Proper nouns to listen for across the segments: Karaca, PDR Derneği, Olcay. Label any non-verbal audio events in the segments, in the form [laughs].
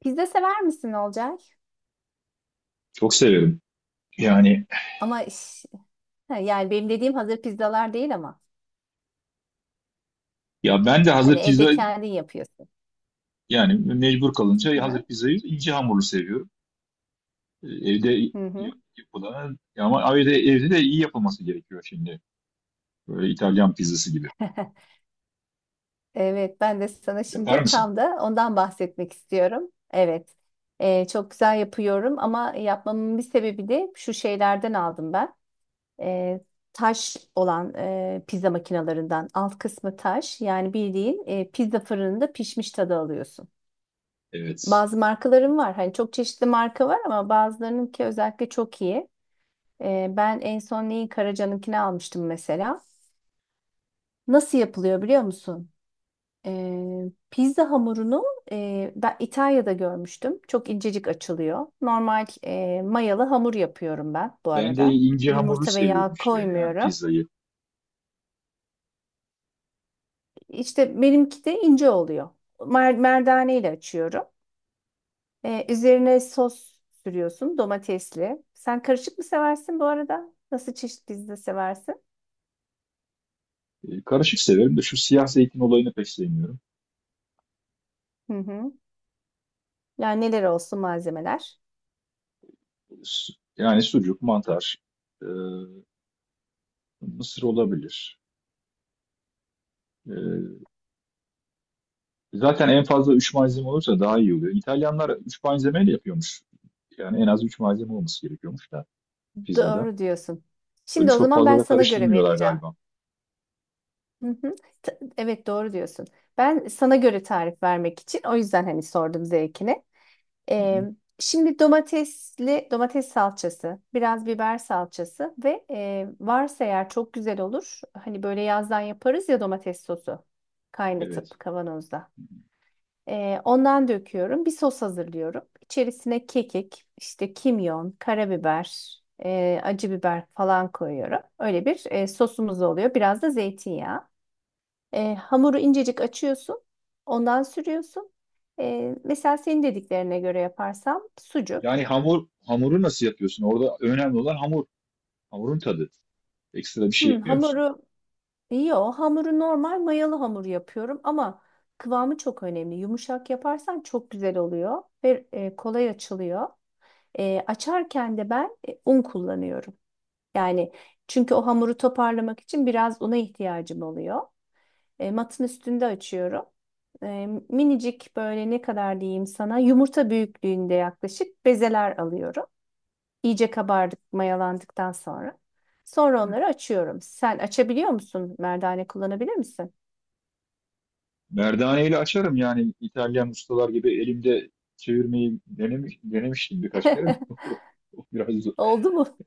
Pizza sever misin Olcay? Çok severim. Yani Ama iş- ha, yani benim dediğim hazır pizzalar değil ama ya ben de hani hazır evde pizza, kendin yapıyorsun. yani mecbur Hı kalınca hazır hı. pizzayı ince hamurlu seviyorum. Evde Hı hı. Yapılan, ama evde de iyi yapılması gerekiyor şimdi. Böyle İtalyan pizzası gibi. [laughs] Evet, ben de sana Yapar şimdi mısın? tam da ondan bahsetmek istiyorum. Evet, Çok güzel yapıyorum ama yapmamın bir sebebi de şu şeylerden aldım ben. Ee, Taş olan pizza makinalarından alt kısmı taş, yani bildiğin pizza fırınında pişmiş tadı alıyorsun. Evet. Bazı markalarım var, hani çok çeşitli marka var ama bazılarınınki özellikle çok iyi. Ben en son neyi, Karaca'nınkini almıştım mesela. Nasıl yapılıyor biliyor musun? Pizza hamurunu ben İtalya'da görmüştüm. Çok incecik açılıyor. Normal mayalı hamur yapıyorum ben bu Ben de arada. ince hamurlu Yumurta ve seviyorum yağ işte, yani koymuyorum. pizzayı. İşte benimki de ince oluyor. Merdane ile açıyorum. Üzerine sos sürüyorsun, domatesli. Sen karışık mı seversin bu arada? Nasıl çeşit pizza seversin? Karışık severim de şu siyah zeytin olayını pek sevmiyorum. Hı hı. Yani neler olsun malzemeler? Su- Yani sucuk, mantar, e, mısır olabilir. E, Zaten en fazla 3 malzeme olursa daha iyi oluyor. İtalyanlar 3 malzemeyle yapıyormuş. Yani en az 3 malzeme olması gerekiyormuş da pizzada. Doğru diyorsun. Öyle Şimdi o çok zaman fazla ben da sana göre karıştırmıyorlar vereceğim. galiba. Hı hı. Evet, doğru diyorsun. Ben sana göre tarif vermek için o yüzden hani sordum zevkini. Hı Ee, hı. Şimdi domates salçası, biraz biber salçası ve varsa eğer çok güzel olur. Hani böyle yazdan yaparız ya, domates sosu Evet. kaynatıp kavanozda. Ondan döküyorum. Bir sos hazırlıyorum. İçerisine kekik, işte kimyon, karabiber, acı biber falan koyuyorum. Öyle bir sosumuz oluyor. Biraz da zeytinyağı. Hamuru incecik açıyorsun. Ondan sürüyorsun. E, mesela senin dediklerine göre yaparsam Yani sucuk. hamuru nasıl yapıyorsun? Orada önemli olan hamur. Hamurun tadı. Ekstra bir şey Hmm, yapıyor musun? hamuru, yo hamuru normal mayalı hamur yapıyorum ama kıvamı çok önemli. Yumuşak yaparsan çok güzel oluyor ve kolay açılıyor. Açarken de ben un kullanıyorum. Yani çünkü o hamuru toparlamak için biraz una ihtiyacım oluyor. Matın üstünde açıyorum. Minicik, böyle ne kadar diyeyim sana, yumurta büyüklüğünde yaklaşık bezeler alıyorum. İyice kabardık, mayalandıktan sonra. Sonra onları Evet. açıyorum. Sen açabiliyor musun? Merdane kullanabilir misin? Merdaneyle açarım, yani İtalyan ustalar gibi elimde çevirmeyi denemiştim birkaç kere. De. [laughs] [laughs] O biraz E, Oldu mu?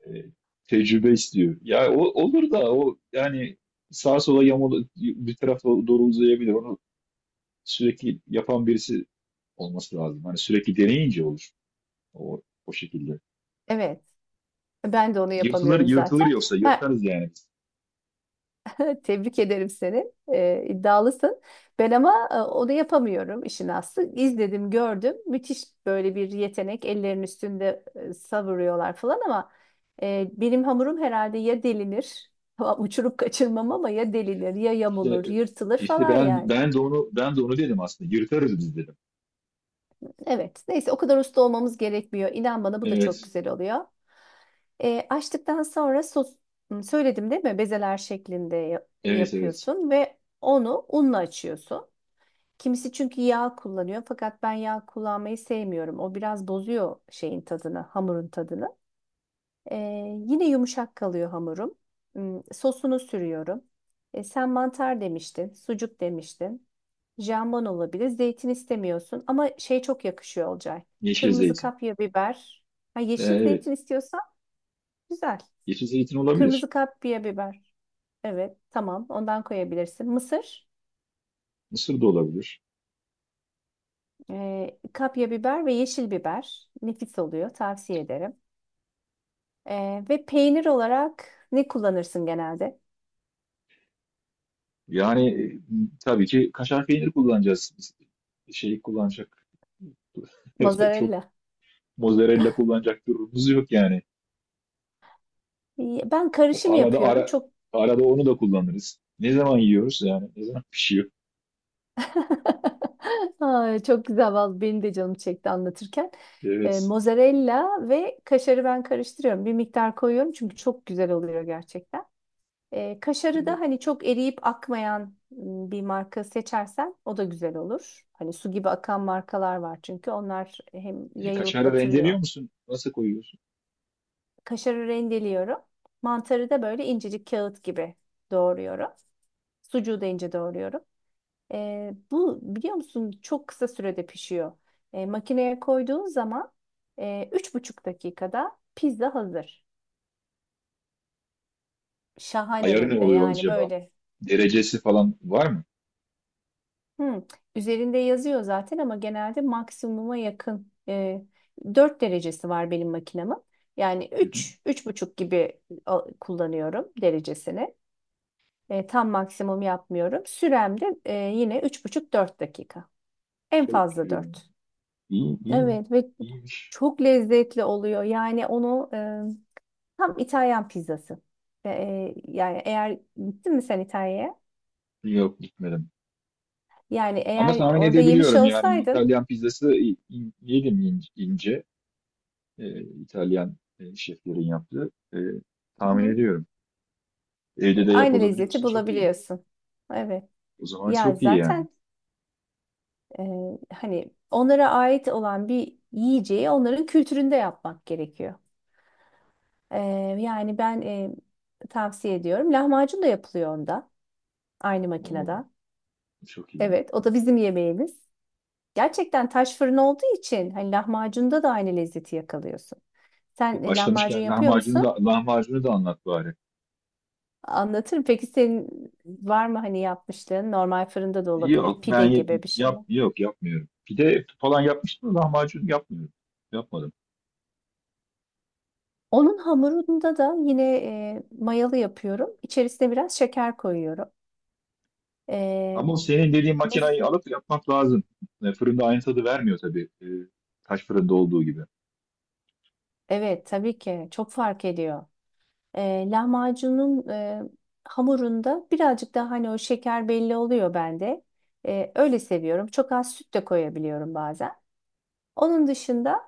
tecrübe istiyor. Ya o olur da o, yani sağa sola yamalı bir tarafa doğru uzayabilir. Onu sürekli yapan birisi olması lazım. Hani sürekli deneyince olur. O şekilde. Evet. Ben de onu Yırtılır, yapamıyorum yırtılır zaten. yoksa Ben, yırtarız yani biz. tebrik ederim seni. İddialısın. Ben ama onu yapamıyorum işin aslı. İzledim, gördüm. Müthiş böyle bir yetenek. Ellerin üstünde savuruyorlar falan ama benim hamurum herhalde ya delinir, [laughs] uçurup kaçırmam ama ya delinir, ya İşte, yamulur, yırtılır işte falan ben yani. ben de onu, ben de onu dedim aslında. Yırtarız biz dedim. Evet. Neyse, o kadar usta olmamız gerekmiyor. İnan bana, bu da çok Evet. güzel oluyor. Açtıktan sonra sos söyledim değil mi? Bezeler şeklinde Evet, evet. yapıyorsun ve onu unla açıyorsun. Kimisi çünkü yağ kullanıyor fakat ben yağ kullanmayı sevmiyorum. O biraz bozuyor şeyin tadını, hamurun tadını. Ee, Yine yumuşak kalıyor hamurum. Sosunu sürüyorum. E, sen mantar demiştin, sucuk demiştin. Jambon olabilir. Zeytin istemiyorsun ama şey çok yakışıyor Olcay. Yeşil Kırmızı zeytin. kapya biber. Ha, yeşil zeytin Evet. istiyorsan güzel. Yeşil zeytin olabilir. Kırmızı kapya biber. Evet, tamam. Ondan koyabilirsin. Mısır. Mısır da olabilir. Kapya biber ve yeşil biber. Nefis oluyor. Tavsiye ederim. Ve peynir olarak ne kullanırsın genelde? Yani tabii ki kaşar peyniri kullanacağız. Biz şeyi kullanacak. [laughs] Çok Mozzarella. mozzarella kullanacak durumumuz yok yani. Ben O karışım Arada yapıyorum. ara, Çok arada onu da kullanırız. Ne zaman yiyoruz yani? Ne zaman [laughs] pişiyor? [laughs] Ay, çok güzel vallahi, benim de canım çekti anlatırken. Evet. Mozzarella ve kaşarı ben karıştırıyorum. Bir miktar koyuyorum çünkü çok güzel oluyor gerçekten. Kaşarı da Evet. hani çok eriyip akmayan bir marka seçersen, o da güzel olur. Hani su gibi akan markalar var çünkü onlar hem E, yayılıp kaşarı batırıyor. rendeliyor musun? Nasıl koyuyorsun? Kaşarı rendeliyorum. Mantarı da böyle incecik kağıt gibi doğruyorum. Sucuğu da ince doğruyorum. Bu biliyor musun, çok kısa sürede pişiyor. Makineye koyduğun zaman üç buçuk dakikada pizza hazır. Şahane Ayarı ne hem de, oluyor yani acaba? böyle Derecesi falan var mı? Hmm. Üzerinde yazıyor zaten ama genelde maksimuma yakın, 4 derecesi var benim makinemin. Yani Hı hı. Üç buçuk gibi kullanıyorum derecesini. Tam maksimum yapmıyorum. Sürem de yine üç buçuk dört dakika. En Çok fazla pişiriyor. 4. İyi. Evet ve İyiymiş. çok lezzetli oluyor. Yani onu tam İtalyan pizzası. Yani eğer gittin mi sen İtalya'ya? Yok, gitmedim. Yani Ama eğer tahmin orada yemiş edebiliyorum, yani olsaydın. İtalyan pizzası yedim, ince. İtalyan şeflerin yaptığı. Tahmin ediyorum. Evde de Aynı lezzeti yapılabiliyorsa çok iyi. bulabiliyorsun. Evet. O zaman Ya çok iyi yani. zaten e, hani onlara ait olan bir yiyeceği onların kültüründe yapmak gerekiyor. E, Yani ben tavsiye ediyorum. Lahmacun da yapılıyor onda. Aynı makinede. Oo, çok iyi. Evet, o da bizim yemeğimiz. Gerçekten taş fırın olduğu için hani lahmacunda da aynı lezzeti yakalıyorsun. Sen lahmacun Başlamışken yapıyor lahmacunu da musun? lahmacunu da anlat bari. Anlatırım. Peki senin var mı hani yapmışlığın? Normal fırında da olabilir. Yok, Pide gibi bir şey. Yok, yapmıyorum. Pide falan yapmıştım da lahmacun yapmıyorum. Yapmadım. Onun hamurunda da yine mayalı yapıyorum. İçerisine biraz şeker koyuyorum. E, Ama senin dediğin mes- makineyi alıp yapmak lazım. Fırında aynı tadı vermiyor tabii. Taş fırında olduğu gibi. evet, tabii ki çok fark ediyor. Lahmacunun hamurunda birazcık daha hani o şeker belli oluyor bende. Öyle seviyorum. Çok az süt de koyabiliyorum bazen. Onun dışında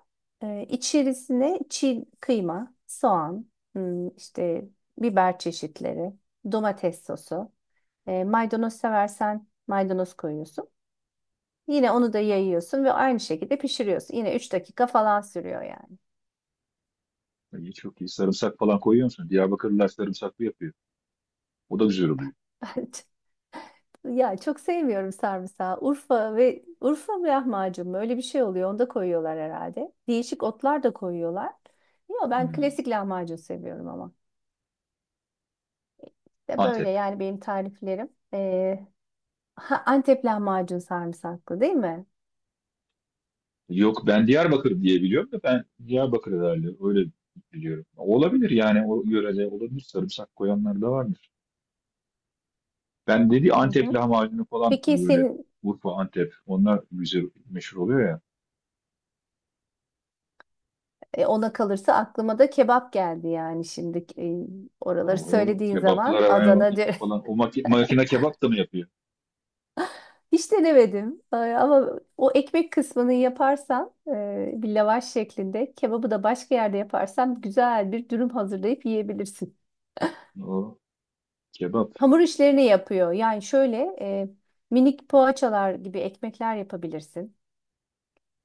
içerisine çiğ kıyma, soğan, işte biber çeşitleri, domates sosu. Maydanoz seversen maydanoz koyuyorsun. Yine onu da yayıyorsun ve aynı şekilde pişiriyorsun. Yine 3 dakika falan sürüyor yani. Çok iyi. Sarımsak falan koyuyor musun? Diyarbakırlılar sarımsaklı yapıyor. O da güzel oluyor. [laughs] Ya çok sevmiyorum sarımsağı. Urfa mı lahmacun mu? Öyle bir şey oluyor. Onu da koyuyorlar herhalde. Değişik otlar da koyuyorlar. Yok, ben Hmm. klasik lahmacun seviyorum ama. De böyle Antep. yani benim tariflerim. Ee, ha, Antep lahmacun sarımsaklı değil mi? Yok, ben Diyarbakır diye biliyorum, da ben Diyarbakır herhalde öyle biliyorum. Olabilir yani, o yörede olabilir. Sarımsak koyanlar da varmış. Ben dedi Hı Antep hı. lahmacunu falan Peki böyle senin Urfa, Antep, onlar güzel meşhur oluyor ya. Ona kalırsa aklıma da kebap geldi yani, şimdi oraları Oho, söylediğin zaman kebaplara Adana. falan, o makine kebap da mı yapıyor? Hiç denemedim. Ama o ekmek kısmını yaparsan bir lavaş şeklinde, kebabı da başka yerde yaparsan, güzel bir dürüm hazırlayıp yiyebilirsin. O kebap Hamur işlerini yapıyor. Yani şöyle minik poğaçalar gibi ekmekler yapabilirsin.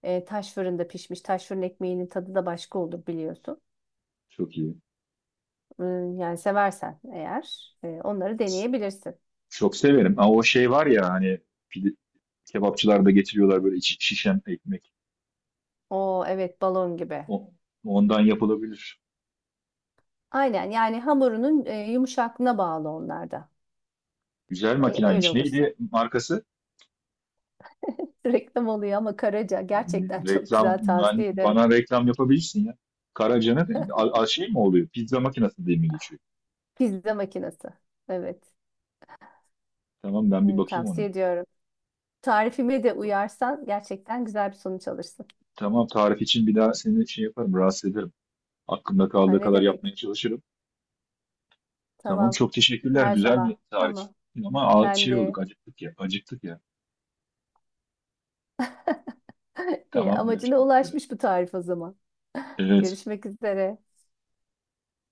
Taş fırında pişmiş, taş fırın ekmeğinin tadı da başka olur biliyorsun. çok iyi. Yani seversen eğer onları deneyebilirsin. Çok severim. Ama o şey var ya, hani pide, kebapçılar da getiriyorlar böyle içi şişen ekmek. O evet, balon gibi. O, ondan yapılabilir. Aynen, yani hamurunun yumuşaklığına bağlı onlar da. Güzel Öyle makinaymış. olursa. Neydi markası? Reklam oluyor ama Karaca gerçekten çok Reklam, güzel, tavsiye ederim. bana reklam yapabilirsin ya. Karaca'nın şey mi oluyor? Pizza makinası diye mi geçiyor? Pizza makinesi. Evet. Tamam, ben bir Evet, bakayım ona. tavsiye ediyorum. Tarifime de uyarsan gerçekten güzel bir sonuç alırsın. Tamam, tarif için bir daha seni şey yaparım, rahatsız ederim. Aklımda Ha, kaldığı ne kadar demek? yapmaya çalışırım. Tamam, Tamam. çok teşekkürler. Her Güzel bir zaman. tarif. Tamam. Ama Ben şey de. olduk, acıktık ya. Acıktık ya. [laughs] İyi, Tamam, amacına görüşmek üzere. ulaşmış bu tarif o zaman. [laughs] Evet. Görüşmek üzere.